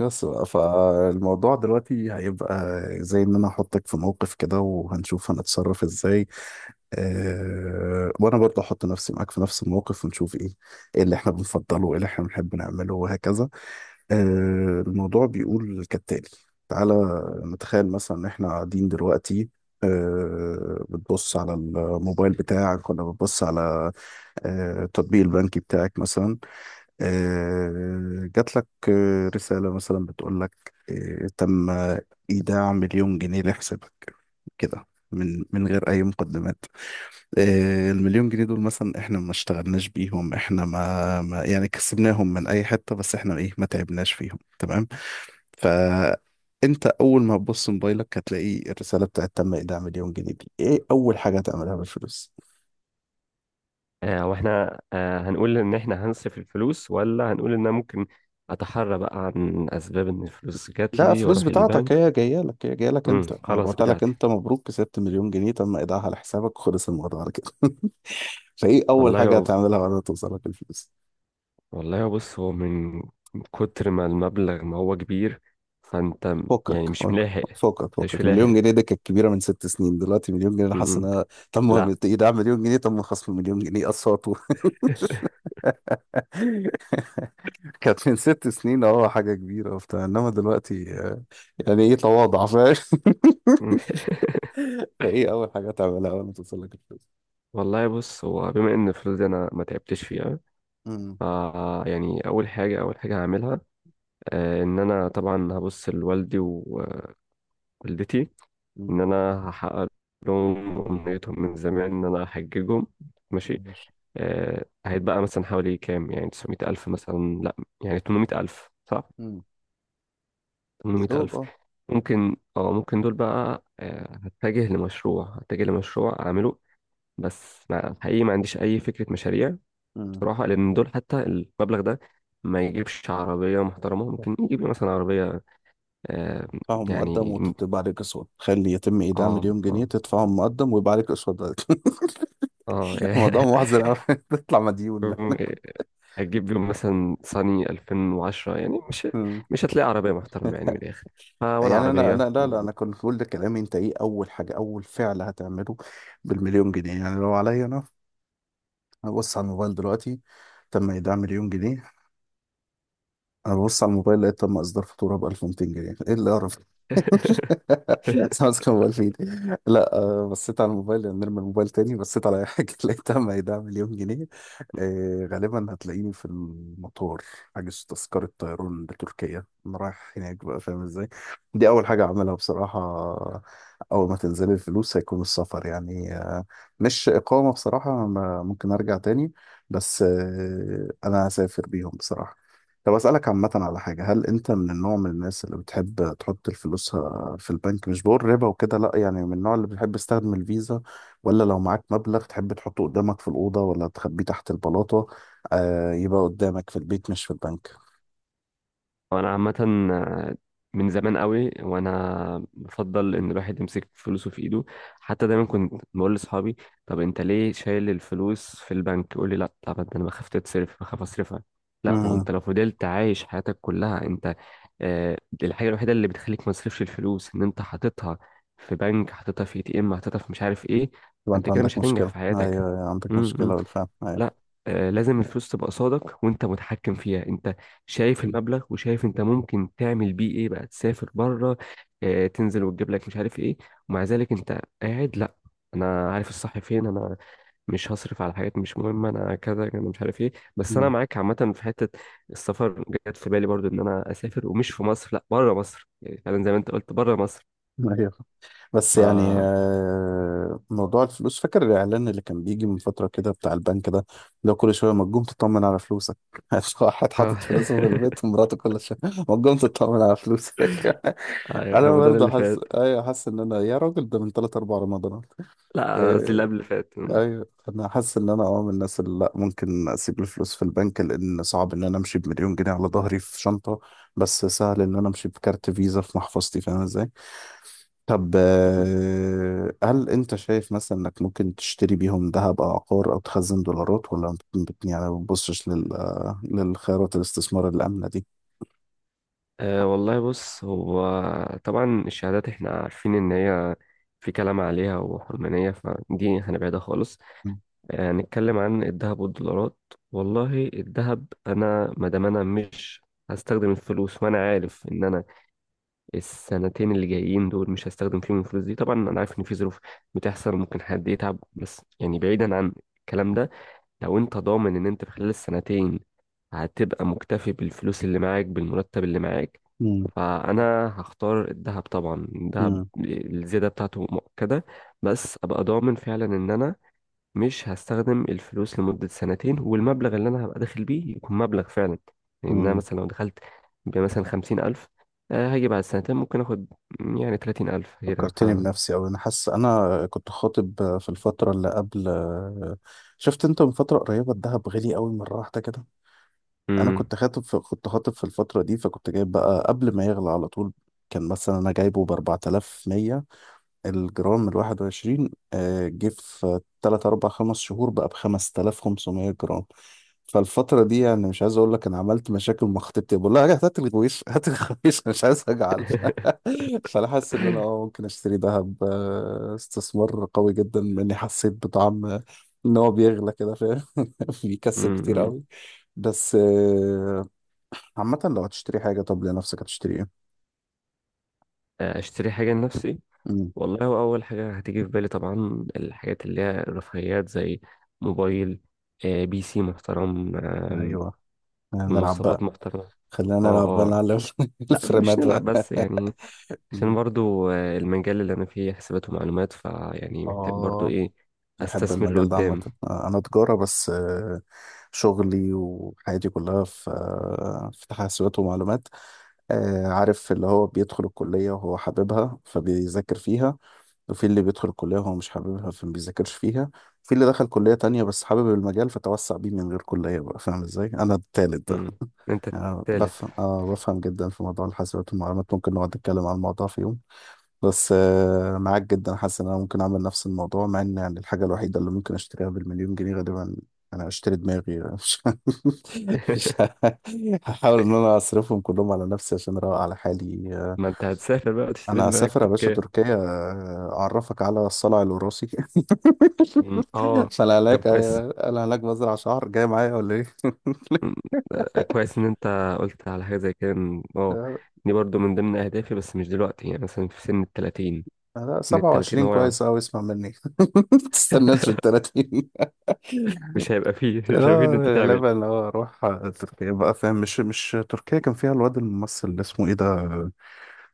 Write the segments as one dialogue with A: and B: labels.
A: بس بقى، فالموضوع دلوقتي هيبقى زي ان انا احطك في موقف كده وهنشوف هنتصرف ازاي. وانا برضه احط نفسي معاك في نفس الموقف ونشوف ايه، اللي احنا بنفضله وايه اللي احنا بنحب نعمله وهكذا. الموضوع بيقول كالتالي. تعالى نتخيل مثلا ان احنا قاعدين دلوقتي. بتبص على الموبايل بتاعك ولا بتبص على التطبيق البنكي بتاعك مثلا. جات لك رسالة مثلا بتقول لك تم إيداع مليون جنيه لحسابك، كده، من غير أي مقدمات. المليون جنيه دول مثلا إحنا ما اشتغلناش بيهم، إحنا ما يعني كسبناهم من أي حتة، بس إحنا إيه، ما تعبناش فيهم، تمام؟ فأنت أول ما تبص موبايلك هتلاقي الرسالة بتاعت تم إيداع مليون جنيه دي، إيه أول حاجة هتعملها بالفلوس؟
B: واحنا هنقول ان احنا هنصف الفلوس ولا هنقول ان انا ممكن اتحرى بقى عن اسباب ان الفلوس جات
A: لا،
B: لي
A: فلوس
B: واروح
A: بتاعتك،
B: البنك.
A: هي جايه لك، هي جايه لك انت، انا
B: خلاص
A: بعتها لك
B: بتاعتي.
A: انت، مبروك كسبت مليون جنيه تم ايداعها على حسابك وخلص الموضوع على كده. فايه اول
B: والله
A: حاجه
B: هو
A: هتعملها بعد ما توصلك الفلوس؟
B: والله هو بص هو من كتر ما المبلغ، ما هو كبير. فانت
A: فكك
B: يعني مش
A: فكك.
B: ملاحق.
A: فكك
B: انت مش
A: فكك
B: ملاحق.
A: مليون جنيه دي كانت كبيره من ست سنين، دلوقتي مليون جنيه انا حاسس
B: امم
A: انها، تم
B: لا.
A: ايداع مليون جنيه، تم خصم مليون جنيه، اصوات و- كانت من ست سنين اه حاجه كبيره وبتاع، انما دلوقتي يعني ايه، تواضع، فاهم؟
B: مم.
A: فايه اول حاجه هتعملها اول ما توصلك الفلوس؟
B: والله بص هو بما ان الفلوس دي انا ما تعبتش فيها.
A: امم.
B: ف يعني اول حاجه، هعملها ان انا طبعا هبص لوالدي ووالدتي. ان
A: امم.
B: انا هحقق لهم امنيتهم من زمان، ان انا هحججهم. ماشي.
A: ماشي.
B: هيتبقى مثلا حوالي كام، يعني 900 الف، مثلا لا، يعني 800 الف، صح،
A: يا
B: 800
A: دوب
B: الف.
A: اه.
B: ممكن دول بقى هتجه لمشروع، اعمله. بس ما حقيقي ما عنديش اي فكرة مشاريع.
A: مم.
B: بصراحة لان دول حتى المبلغ ده ما يجيبش عربية محترمة. ممكن يجيب لي مثلا عربية. آه
A: تدفعهم مقدم
B: يعني
A: وتبقى عليك أسود، تخلي يتم إيداع
B: اه
A: مليون جنيه،
B: اه
A: تدفعهم مقدم ويبقى عليك أسود بعد كده.
B: اه
A: الموضوع محزن أوي. تطلع مديون.
B: هتجيب بيهم مثلا صني 2010. يعني
A: مم.
B: مش هتلاقي عربية محترمة يعني من الآخر، فولا
A: يعني أنا
B: عربية.
A: لا لا، أنا كنت بقول لكلامي، أنت إيه أول حاجة، أول فعل هتعمله بالمليون جنيه؟ يعني لو عليا أنا، هبص على الموبايل دلوقتي، تم إيداع مليون جنيه، انا ببص على الموبايل لقيت تم اصدار فاتوره ب 1200 جنيه، ايه اللي اعرف؟ سامسونج كان ب 2000. لا بصيت على الموبايل يعني نرمي الموبايل، تاني بصيت على اي حاجه لقيت تم هيدعم مليون جنيه. غالبا هتلاقيني في المطار حاجز تذكره طيران لتركيا، انا رايح هناك بقى، فاهم ازاي؟ دي اول حاجه اعملها بصراحه، اول ما تنزل الفلوس هيكون السفر، يعني مش اقامه بصراحه، ممكن ارجع تاني، بس انا هسافر بيهم بصراحه. طب أسألك عامة على حاجة، هل أنت من النوع من الناس اللي بتحب تحط فلوسها في البنك؟ مش بقول ربا وكده لأ، يعني من النوع اللي بتحب تستخدم الفيزا، ولا لو معاك مبلغ تحب تحطه قدامك في الأوضة ولا تخبيه تحت البلاطة؟ آه، يبقى قدامك في البيت مش في البنك.
B: انا عامه من زمان قوي، وانا بفضل ان الواحد يمسك فلوسه في ايده. حتى دايما كنت بقول لاصحابي: طب انت ليه شايل الفلوس في البنك؟ يقول لي لا. طب انت انا بخاف تتصرف، بخاف اصرفها. لا ما هو
A: امم.
B: انت لو فضلت عايش حياتك كلها انت، الحاجه الوحيده اللي بتخليك ما تصرفش الفلوس ان انت حاططها في بنك، حاططها في اي تي ام، حاططها في مش عارف ايه.
A: يبقى
B: فانت
A: أنت
B: كده
A: عندك
B: مش هتنجح
A: مشكلة،
B: في
A: أيوه
B: حياتك.
A: أيوة، عندك
B: امم،
A: مشكلة
B: امم.
A: بالفعل، أيوه.
B: لا. لازم الفلوس تبقى صادق وانت متحكم فيها. انت شايف المبلغ وشايف انت ممكن تعمل بيه ايه بقى. تسافر بره، تنزل وتجيب لك مش عارف ايه، ومع ذلك انت قاعد. لا، انا عارف الصح فين انا، مش هصرف على حاجات مش مهمه. انا كذا، انا مش عارف ايه. بس انا
A: مم.
B: معاك عامه في حته. السفر جت في بالي برضو، ان انا اسافر ومش في مصر، لا بره مصر. يعني فعلا زي ما انت قلت بره مصر.
A: أيوه. بس
B: ف
A: يعني
B: آه،
A: موضوع الفلوس، فاكر الإعلان اللي كان بيجي من فترة كده بتاع البنك ده؟ لو كل شوية ما تقوم تطمن على فلوسك. واحد حاطط فلوسه في البيت ومراته كل شوية ما تقوم تطمن على فلوسك. أنا
B: رمضان
A: برضه
B: اللي
A: حاسس،
B: فات.
A: أيوه حاسس إن أنا، يا راجل ده من تلات أربع رمضانات.
B: لا، قصدي
A: إيه،
B: اللي قبل اللي فات.
A: أيوه، أنا حاسس إن أنا أه من الناس اللي لأ، ممكن أسيب الفلوس في البنك، لأن صعب إن أنا أمشي بمليون جنيه على ظهري في شنطة، بس سهل إن أنا أمشي بكارت فيزا في محفظتي، فاهم إزاي؟ طب هل انت شايف مثلا انك ممكن تشتري بيهم ذهب او عقار او تخزن دولارات، ولا يعني ما بتبصش لل للخيارات الاستثمار الآمنة دي؟
B: أه، والله بص هو طبعا الشهادات احنا عارفين ان هي في كلام عليها وحرمانية، فدي هنبعدها خالص. أه، نتكلم عن الذهب والدولارات. والله الذهب، انا ما دام انا مش هستخدم الفلوس، وانا عارف ان انا السنتين اللي جايين دول مش هستخدم فيهم الفلوس دي. طبعا انا عارف ان في ظروف بتحصل، ممكن حد يتعب، بس يعني بعيدا عن الكلام ده، لو انت ضامن ان انت في خلال السنتين هتبقى مكتفي بالفلوس اللي معاك، بالمرتب اللي معاك،
A: مم.
B: فانا هختار الذهب. طبعا الذهب
A: مم.
B: الزياده بتاعته مؤكده. بس ابقى ضامن فعلا ان انا مش هستخدم الفلوس لمده سنتين، والمبلغ اللي انا هبقى داخل بيه يكون مبلغ فعلا يعني. إن انا
A: مم.
B: مثلا لو دخلت بمثلا 50 الف، هاجي بعد سنتين ممكن اخد يعني 30 الف كده.
A: فكرتني بنفسي أوي، أنا حاسس، أنا كنت خاطب في الفترة اللي قبل، شفت أنت من فترة قريبة الذهب غالي أوي مرة واحدة كده؟ أنا
B: مم.
A: كنت خاطب في... كنت خاطب في الفترة دي، فكنت جايب بقى قبل ما يغلى على طول، كان مثلا أنا جايبه ب 4100 الجرام الواحد وعشرين، جه في تلات أربع خمس شهور بقى بخمس تلاف خمسمية جرام. فالفترة دي يعني مش عايز أقول لك، أنا عملت مشاكل مع خطيبتي بقول لها "لا، هات الغويش هات الغويش، مش عايز أجعل". فأنا حاسس إن أنا أه ممكن أشتري دهب، استثمار قوي جدا، لأني حسيت بطعم إن هو بيغلى كده، فاهم؟ بيكسب
B: مم،
A: كتير
B: مم.
A: قوي. بس عامة، لو هتشتري حاجة طب لنفسك هتشتري إيه؟
B: اشتري حاجه لنفسي.
A: مم،
B: والله هو أول حاجة هتيجي في بالي طبعا الحاجات اللي هي الرفاهيات، زي موبايل، بي سي محترم،
A: أيوه. نلعب
B: مواصفات
A: بقى.
B: محترمة.
A: خلينا
B: اه،
A: نلعب بقى،
B: اه.
A: نعلم
B: لا مش
A: الفريمات
B: نلعب،
A: بقى.
B: بس يعني عشان
A: مم.
B: برضو المجال اللي أنا فيه حسابات ومعلومات، فيعني محتاج برضو
A: اه.
B: إيه،
A: بحب
B: أستثمر
A: المجال ده عامة.
B: لقدام.
A: أنا تجارة، بس شغلي وحياتي كلها في في حاسبات ومعلومات. عارف اللي هو بيدخل الكلية وهو حاببها فبيذاكر فيها، وفي اللي بيدخل الكلية وهو مش حاببها فما بيذاكرش فيها، وفي اللي دخل كلية تانية بس حابب المجال فتوسع بيه من غير كلية، بقى فاهم ازاي؟ أنا التالت ده.
B: مم. أنت
A: أنا
B: التالت.
A: بفهم آه، بفهم جدا في موضوع الحاسبات والمعلومات، ممكن نقعد نتكلم عن الموضوع في يوم. بس معاك جدا، حاسس ان انا ممكن اعمل نفس الموضوع، مع ان يعني الحاجه الوحيده اللي ممكن اشتريها بالمليون جنيه غالبا انا اشتري دماغي. مش هحاول ان انا اصرفهم كلهم على نفسي عشان اروق على حالي.
B: ما أنت هتسافر بقى وتشتري
A: انا
B: دماغك
A: هسافر يا باشا
B: تركيا.
A: تركيا، اعرفك على الصلع الوراثي.
B: مم. اه.
A: فانا
B: طب
A: هناك
B: كويس،
A: انا هناك بزرع شعر جاي معايا ولا ايه؟
B: كويس ان انت قلت على حاجه زي كده.
A: لا.
B: دي برضو من ضمن اهدافي، بس مش دلوقتي، يعني مثلا في سن ال 30،
A: لا،
B: من ال 30
A: 27
B: هو يعني
A: كويس قوي، اسمع مني. ما تستناش لل 30.
B: مش هيبقى فيه مش هيبقى فيه إن
A: اه
B: انت تعمل.
A: غالبا اه اروح تركيا بقى، فاهم؟ مش تركيا كان فيها الواد الممثل اللي اسمه ايه ده،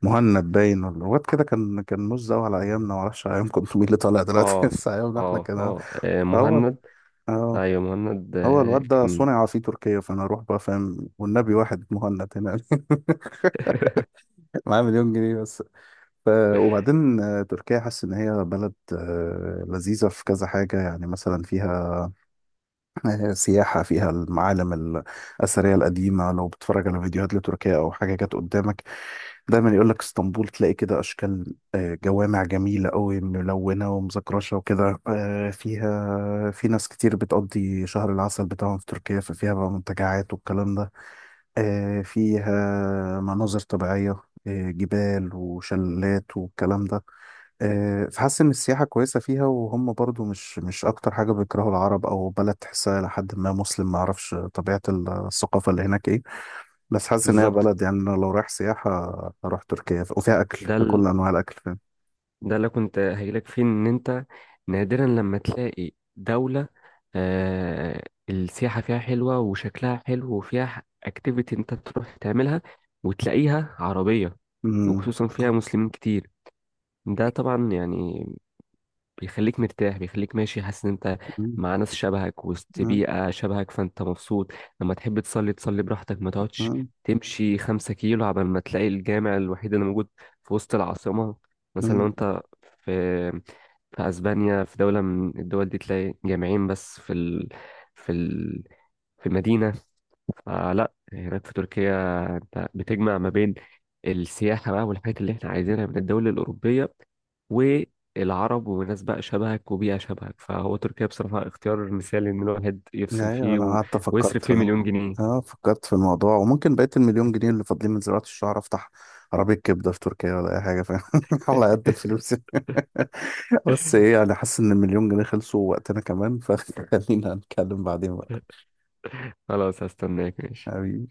A: مهند؟ باين ولا الواد كده، كان مش قوي على ايامنا، معرفش ايامكم انتوا مين اللي طالع دلوقتي.
B: اه،
A: بس ايامنا احنا
B: اه،
A: كان،
B: اه،
A: فهو
B: مهند.
A: اه،
B: ايوه مهند،
A: هو الواد ده
B: كان
A: صنع في تركيا، فانا اروح بقى فاهم، والنبي واحد مهند هنا. معاه مليون جنيه بس. ف... وبعدين تركيا حاسس ان هي بلد لذيذة في كذا حاجة، يعني مثلا فيها سياحة، فيها المعالم الأثرية القديمة، لو بتتفرج على فيديوهات لتركيا أو حاجة جت قدامك دايما يقول لك اسطنبول، تلاقي كده أشكال جوامع جميلة أوي ملونة ومزكرشة وكده. فيها، في ناس كتير بتقضي شهر العسل بتاعهم في تركيا، ففيها بقى منتجعات والكلام ده. فيها مناظر طبيعية، جبال وشلالات والكلام ده. فحاسس ان السياحه كويسه فيها، وهم برضو مش اكتر حاجه بيكرهوا العرب، او بلد تحسها لحد ما مسلم، ما اعرفش طبيعه الثقافه اللي هناك ايه. بس حاسس ان هي
B: بالظبط.
A: بلد، يعني أنا لو رايح سياحه هروح تركيا، وفيها اكل
B: ده
A: في كل انواع الاكل، فاهم؟
B: ده اللي كنت هجيلك فيه، ان انت نادرا لما تلاقي دولة آه السياحة فيها حلوة وشكلها حلو وفيها اكتيفيتي انت تروح تعملها، وتلاقيها عربية،
A: امم.
B: وخصوصا فيها مسلمين كتير. ده طبعا يعني بيخليك مرتاح، بيخليك ماشي حاسس ان انت
A: امم.
B: مع ناس شبهك، وسط بيئة شبهك، فانت مبسوط. لما تحب تصلي تصلي براحتك، ما تقعدش
A: امم.
B: تمشي 5 كيلو عبال ما تلاقي الجامع الوحيد اللي موجود في وسط العاصمة. مثلا لو
A: امم.
B: انت في اسبانيا، في دولة من الدول دي، تلاقي جامعين بس في ال... في ال... في المدينة. فلا، هناك في تركيا انت بتجمع ما بين السياحة بقى والحاجات اللي احنا عايزينها من الدول الأوروبية، والعرب وناس بقى شبهك وبيئة شبهك. فهو تركيا بصراحة اختيار مثالي إن الواحد يفصل
A: ايوه
B: فيه
A: انا
B: و...
A: قعدت
B: ويصرف فيه
A: فكرت،
B: 1,000,000 جنيه.
A: اه فكرت في الموضوع، وممكن بقية المليون جنيه اللي فاضلين من زراعة الشعر افتح عربية كبدة في تركيا ولا اي حاجة، فاهم؟ على قد الفلوس. بس ايه يعني، حاسس ان المليون جنيه خلصوا، وقتنا كمان فخلينا نتكلم بعدين بقى
B: خلاص، هستناك. ماشي.
A: حبيبي.